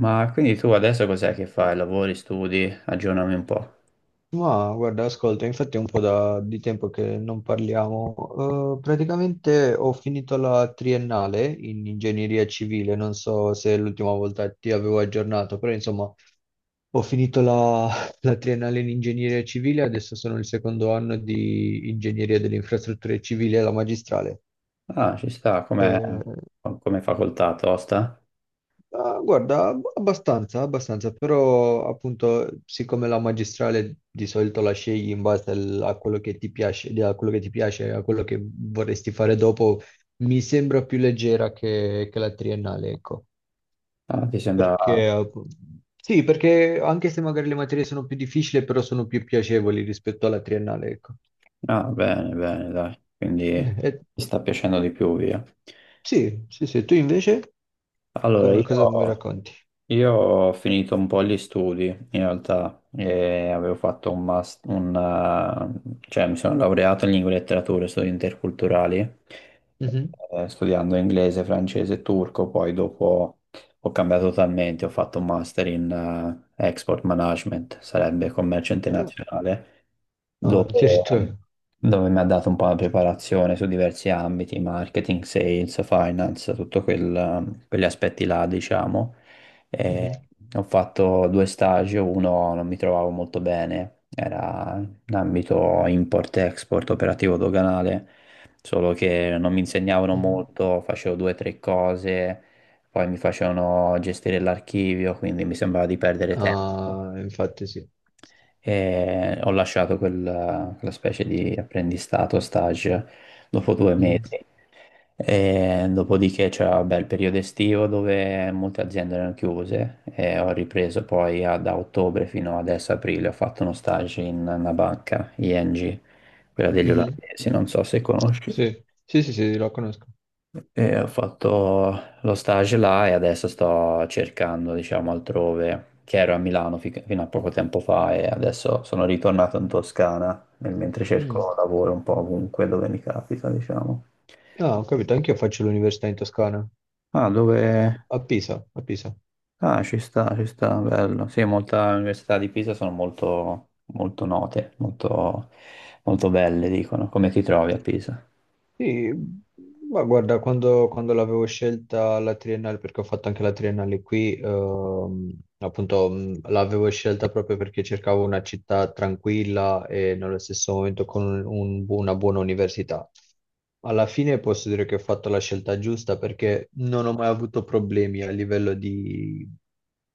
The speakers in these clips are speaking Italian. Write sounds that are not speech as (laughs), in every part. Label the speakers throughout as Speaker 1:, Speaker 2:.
Speaker 1: Ma quindi tu adesso cos'è che fai? Lavori, studi? Aggiornami un po'.
Speaker 2: Ma guarda, ascolta, infatti è un po' da- di tempo che non parliamo. Praticamente ho finito la triennale in ingegneria civile, non so se l'ultima volta ti avevo aggiornato, però insomma ho finito (laughs) la triennale in ingegneria civile, adesso sono il secondo anno di ingegneria delle infrastrutture civili alla magistrale.
Speaker 1: Ah, ci sta, come,
Speaker 2: Eh,
Speaker 1: come facoltà, tosta?
Speaker 2: Ah, guarda, abbastanza, abbastanza, però appunto siccome la magistrale di solito la scegli in base a quello che ti piace, a quello che ti piace, a quello che vorresti fare dopo, mi sembra più leggera che la triennale, ecco,
Speaker 1: Ah, ti sembra.
Speaker 2: perché sì, perché anche se magari le materie sono più difficili, però sono più piacevoli rispetto alla triennale, ecco.
Speaker 1: Ah, bene, bene, dai. Quindi
Speaker 2: Eh, eh,
Speaker 1: ti sta piacendo di più, via.
Speaker 2: sì, sì, sì, tu invece
Speaker 1: Allora,
Speaker 2: come,
Speaker 1: io.
Speaker 2: cosa mi racconti?
Speaker 1: Io ho finito un po' gli studi in realtà e avevo fatto un master, cioè mi sono laureato in lingue e letterature, studi interculturali,
Speaker 2: Mhm.
Speaker 1: studiando inglese, francese e turco, poi dopo ho cambiato totalmente, ho fatto un master in export management, sarebbe commercio
Speaker 2: Ah,
Speaker 1: internazionale,
Speaker 2: ah,
Speaker 1: dove,
Speaker 2: addirittura.
Speaker 1: dove mi ha dato un po' la preparazione su diversi ambiti, marketing, sales, finance, tutto quegli aspetti là, diciamo.
Speaker 2: Mhm,
Speaker 1: E ho fatto due stage, uno non mi trovavo molto bene, era in ambito import-export, operativo doganale, solo che non mi insegnavano
Speaker 2: mhm.
Speaker 1: molto, facevo due o tre cose, poi mi facevano gestire l'archivio, quindi mi sembrava di perdere tempo
Speaker 2: Ah, infatti sì.
Speaker 1: e ho lasciato quella specie di apprendistato, stage, dopo due
Speaker 2: Mm.
Speaker 1: mesi. E dopodiché c'era vabbè, il periodo estivo dove molte aziende erano chiuse e ho ripreso poi da ottobre fino adesso aprile. Ho fatto uno stage in una banca, ING, quella degli
Speaker 2: Mhm.
Speaker 1: olandesi, non so se conosci.
Speaker 2: Sì, sì, sì, sì, la conosco.
Speaker 1: E ho fatto lo stage là e adesso sto cercando, diciamo, altrove, che ero a Milano fino a poco tempo fa e adesso sono ritornato in Toscana, nel mentre
Speaker 2: Mm.
Speaker 1: cerco lavoro un po' ovunque dove mi capita, diciamo.
Speaker 2: Ah, ho capito, anch'io faccio l'università in Toscana,
Speaker 1: Ah, dove.
Speaker 2: a Pisa, a Pisa.
Speaker 1: Ah, ci sta, bello. Sì, molte università di Pisa sono molto, molto note, molto, molto belle, dicono. Come ti trovi a Pisa?
Speaker 2: Sì, ma guarda, quando l'avevo scelta la triennale, perché ho fatto anche la triennale qui, appunto l'avevo scelta proprio perché cercavo una città tranquilla e nello stesso momento con una buona università. Alla fine posso dire che ho fatto la scelta giusta perché non ho mai avuto problemi a livello di,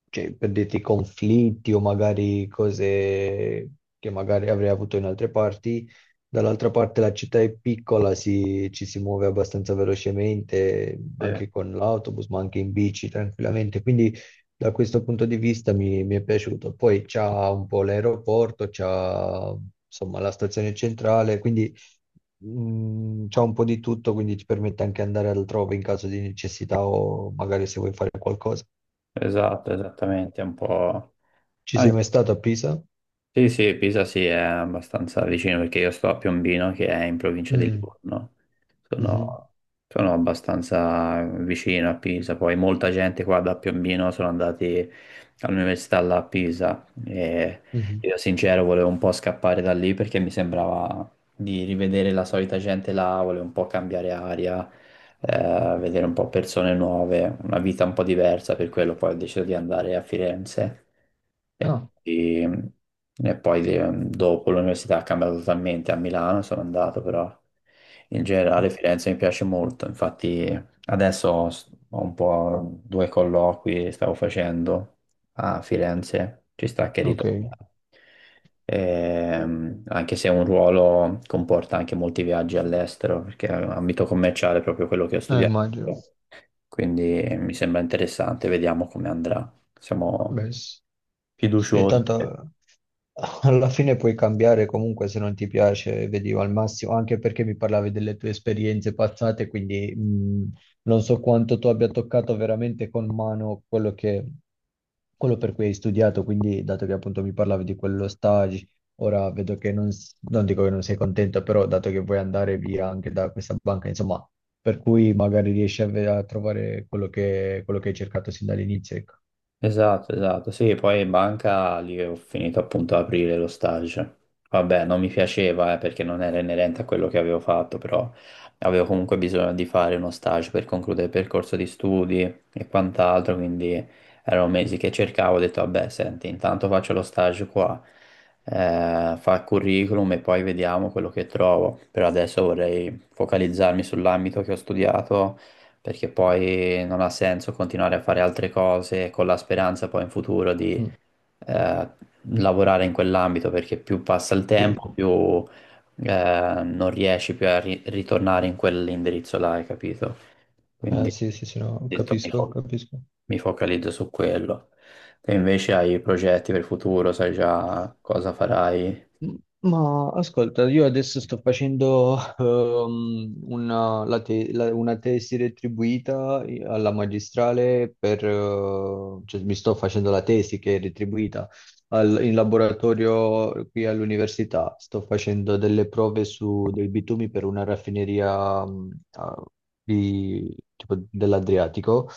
Speaker 2: cioè, per dirti, conflitti o magari cose che magari avrei avuto in altre parti. Dall'altra parte la città è piccola, ci si muove abbastanza velocemente,
Speaker 1: Sì.
Speaker 2: anche con l'autobus, ma anche in bici tranquillamente. Quindi da questo punto di vista mi è piaciuto. Poi c'ha un po' l'aeroporto, c'ha insomma la stazione centrale, quindi c'ha un po' di tutto, quindi ti permette anche andare altrove in caso di necessità o magari se vuoi fare qualcosa.
Speaker 1: Esatto, esattamente, è un po'.
Speaker 2: Ci
Speaker 1: Ah,
Speaker 2: sei mai stato a Pisa?
Speaker 1: sì, sì, Pisa sì, è abbastanza vicino perché io sto a Piombino che è in provincia di
Speaker 2: Mm,
Speaker 1: Livorno.
Speaker 2: mhm,
Speaker 1: Sono, sono abbastanza vicino a Pisa, poi molta gente qua da Piombino sono andati all'università là a Pisa e
Speaker 2: mhm.
Speaker 1: io sincero volevo un po' scappare da lì perché mi sembrava di rivedere la solita gente là, volevo un po' cambiare aria, vedere un po' persone nuove, una vita un po' diversa, per quello poi ho deciso di andare a Firenze e,
Speaker 2: Ah,
Speaker 1: e- e poi dopo l'università ha cambiato totalmente, a Milano sono andato però in generale Firenze mi piace molto, infatti adesso ho un po' 2 colloqui che stavo facendo a Firenze, ci sta che
Speaker 2: ok,
Speaker 1: ritorno anche se un ruolo comporta anche molti viaggi all'estero, perché è un ambito commerciale è proprio quello che ho studiato.
Speaker 2: immagino.
Speaker 1: Quindi mi sembra interessante, vediamo come andrà. Siamo
Speaker 2: Vabbè, sì. Sì,
Speaker 1: fiduciosi.
Speaker 2: tanto alla fine puoi cambiare comunque se non ti piace, vedi al massimo, anche perché mi parlavi delle tue esperienze passate, quindi non so quanto tu abbia toccato veramente con mano quello che, quello per cui hai studiato, quindi dato che appunto mi parlavi di quello stage, ora vedo che non, non dico che non sei contento, però dato che vuoi andare via anche da questa banca, insomma, per cui magari riesci a, a trovare quello che hai cercato sin dall'inizio, ecco.
Speaker 1: Esatto, esatto. Sì, poi in banca lì ho finito appunto ad aprire lo stage. Vabbè, non mi piaceva, perché non era inerente a quello che avevo fatto, però avevo comunque bisogno di fare uno stage per concludere il percorso di studi e quant'altro, quindi erano mesi che cercavo, ho detto, vabbè, senti, intanto faccio lo stage qua, fa il curriculum e poi vediamo quello che trovo. Per adesso vorrei focalizzarmi sull'ambito che ho studiato perché poi non ha senso continuare a fare altre cose con la speranza poi in futuro di
Speaker 2: Mm,
Speaker 1: eh, lavorare in quell'ambito, perché più passa il
Speaker 2: sì.
Speaker 1: tempo, più non riesci più a ritornare in quell'indirizzo là, hai capito? Quindi
Speaker 2: Sì,
Speaker 1: ho
Speaker 2: sì, sì, no,
Speaker 1: detto,
Speaker 2: capisco, capisco.
Speaker 1: mi focalizzo su quello. Te invece hai progetti per il futuro, sai già cosa farai?
Speaker 2: M- Ma ascolta, io adesso sto facendo una tesi retribuita alla magistrale per, cioè mi sto facendo la tesi che è retribuita in laboratorio qui all'università. Sto facendo delle prove su dei bitumi per una raffineria tipo dell'Adriatico.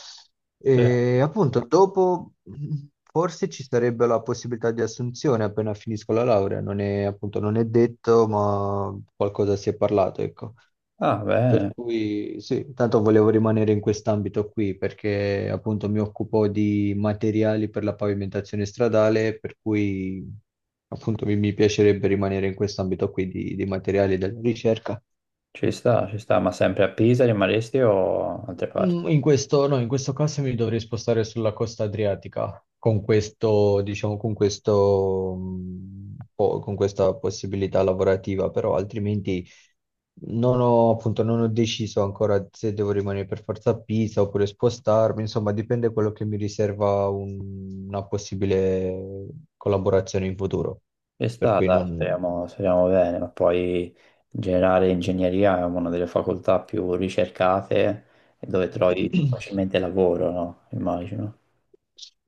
Speaker 2: E appunto, dopo forse ci sarebbe la possibilità di assunzione appena finisco la laurea, non è, appunto, non è detto, ma qualcosa si è parlato, ecco.
Speaker 1: Ah,
Speaker 2: Per
Speaker 1: bene,
Speaker 2: cui sì, tanto volevo rimanere in quest'ambito qui perché appunto mi occupo di materiali per la pavimentazione stradale, per cui appunto mi piacerebbe rimanere in quest'ambito qui di materiali della ricerca.
Speaker 1: ci sta, ma sempre a Pisa rimarresti o altre parti?
Speaker 2: Mm, in questo, no, in questo caso mi dovrei spostare sulla costa adriatica, con questo, diciamo, con questo, mm, con questa possibilità lavorativa, però altrimenti non ho, appunto, non ho deciso ancora se devo rimanere per forza a Pisa oppure spostarmi, insomma, dipende quello che mi riserva una possibile collaborazione in futuro,
Speaker 1: Ci
Speaker 2: per
Speaker 1: sta,
Speaker 2: cui
Speaker 1: dai,
Speaker 2: non...
Speaker 1: speriamo, speriamo bene, ma poi in generale ingegneria è una delle facoltà più ricercate e dove trovi più
Speaker 2: (clears throat)
Speaker 1: facilmente lavoro, no? Immagino.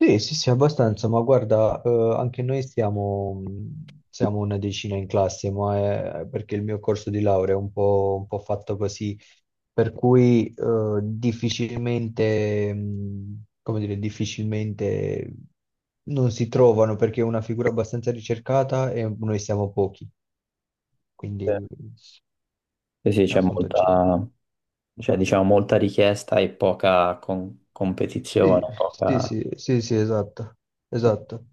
Speaker 2: Sì, sì, sì, abbastanza, ma guarda, anche noi siamo, siamo una decina in classe, ma è perché il mio corso di laurea è un po' fatto così, per cui difficilmente, come dire, difficilmente non si trovano perché è una figura abbastanza ricercata e noi siamo pochi,
Speaker 1: Sì,
Speaker 2: quindi
Speaker 1: sì, sì, c'è
Speaker 2: appunto ci...
Speaker 1: molta, c'è, diciamo, molta richiesta e poca competizione,
Speaker 2: Sì, sì,
Speaker 1: poca.
Speaker 2: sì, sì, sì, esatto, esatto.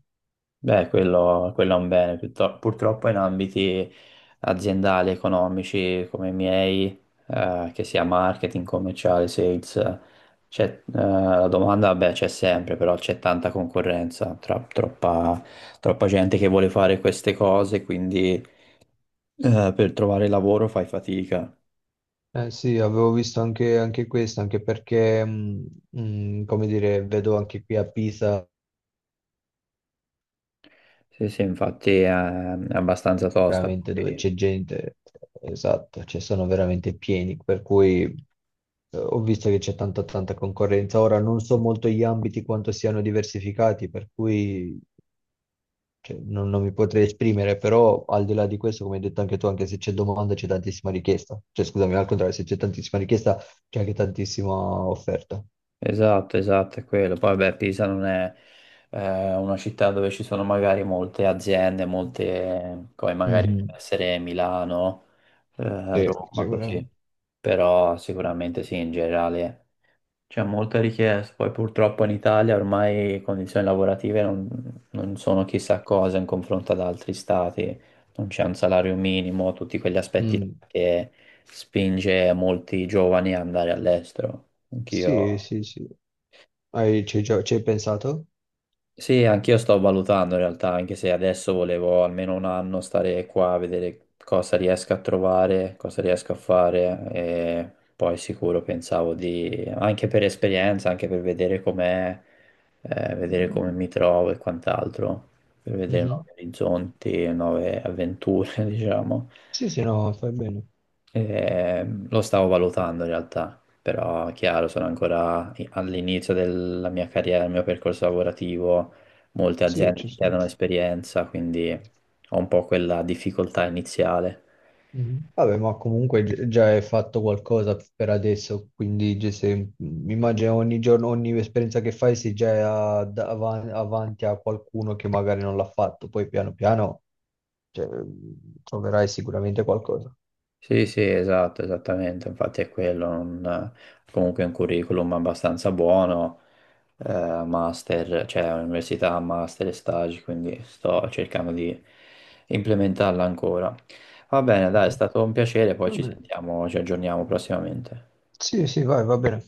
Speaker 1: Beh, quello è un bene, purtroppo in ambiti aziendali, economici come i miei, che sia marketing, commerciale, sales, c'è, la domanda, vabbè, c'è sempre, però c'è tanta concorrenza, troppa, troppa gente che vuole fare queste cose, quindi, per trovare lavoro fai fatica.
Speaker 2: Eh sì, avevo visto anche, anche questo, anche perché, come dire, vedo anche qui a Pisa,
Speaker 1: Sì, sì, infatti è abbastanza tosta.
Speaker 2: veramente dove c'è gente, esatto, cioè sono veramente pieni, per cui ho visto che c'è tanta tanta concorrenza. Ora non so molto gli ambiti quanto siano diversificati, per cui cioè, non, non mi potrei esprimere, però al di là di questo, come hai detto anche tu, anche se c'è domanda c'è tantissima richiesta, cioè scusami, al contrario, se c'è tantissima richiesta c'è anche tantissima offerta.
Speaker 1: Esatto, esatto, è quello. Poi, vabbè, Pisa non è una città dove ci sono magari molte aziende, molte, come magari può
Speaker 2: Mhm.
Speaker 1: essere Milano,
Speaker 2: Sì,
Speaker 1: Roma, così.
Speaker 2: sicuramente.
Speaker 1: Però sicuramente sì, in generale c'è molta richiesta. Poi purtroppo in Italia ormai condizioni lavorative non sono chissà cosa in confronto ad altri stati. Non c'è un salario minimo, tutti quegli aspetti
Speaker 2: Mm.
Speaker 1: che spinge molti giovani ad andare all'estero. Anch'io.
Speaker 2: Sì, sì, sì. Hai, ci hai ci hai pensato?
Speaker 1: Sì, anch'io sto valutando in realtà, anche se adesso volevo almeno 1 anno stare qua a vedere cosa riesco a trovare, cosa riesco a fare e poi sicuro pensavo di, anche per esperienza, anche per vedere com'è, vedere come mi trovo e quant'altro, per vedere
Speaker 2: Mhm,
Speaker 1: nuovi orizzonti, nuove avventure, (laughs) diciamo.
Speaker 2: sì, sì, no, fai bene.
Speaker 1: Lo stavo valutando in realtà, però chiaro, sono ancora all'inizio della mia carriera, del mio percorso lavorativo, molte
Speaker 2: Sì,
Speaker 1: aziende
Speaker 2: ci
Speaker 1: ti
Speaker 2: sono.
Speaker 1: chiedono esperienza, quindi ho un po' quella difficoltà iniziale.
Speaker 2: Mhm. Vabbè, ma comunque già hai fatto qualcosa per adesso, quindi se, immagino ogni giorno, ogni esperienza che fai sei già avanti a qualcuno che magari non l'ha fatto, poi piano piano cioè, troverai sicuramente qualcosa.
Speaker 1: Sì, sì, esatto, esattamente, infatti è quello, comunque un curriculum abbastanza buono, master, cioè università, master e stage, quindi sto cercando di implementarla ancora. Va bene, dai, è
Speaker 2: Mhm.
Speaker 1: stato un piacere, poi
Speaker 2: Va
Speaker 1: ci
Speaker 2: bene.
Speaker 1: sentiamo, ci aggiorniamo prossimamente.
Speaker 2: Sì, sì, vai, va bene.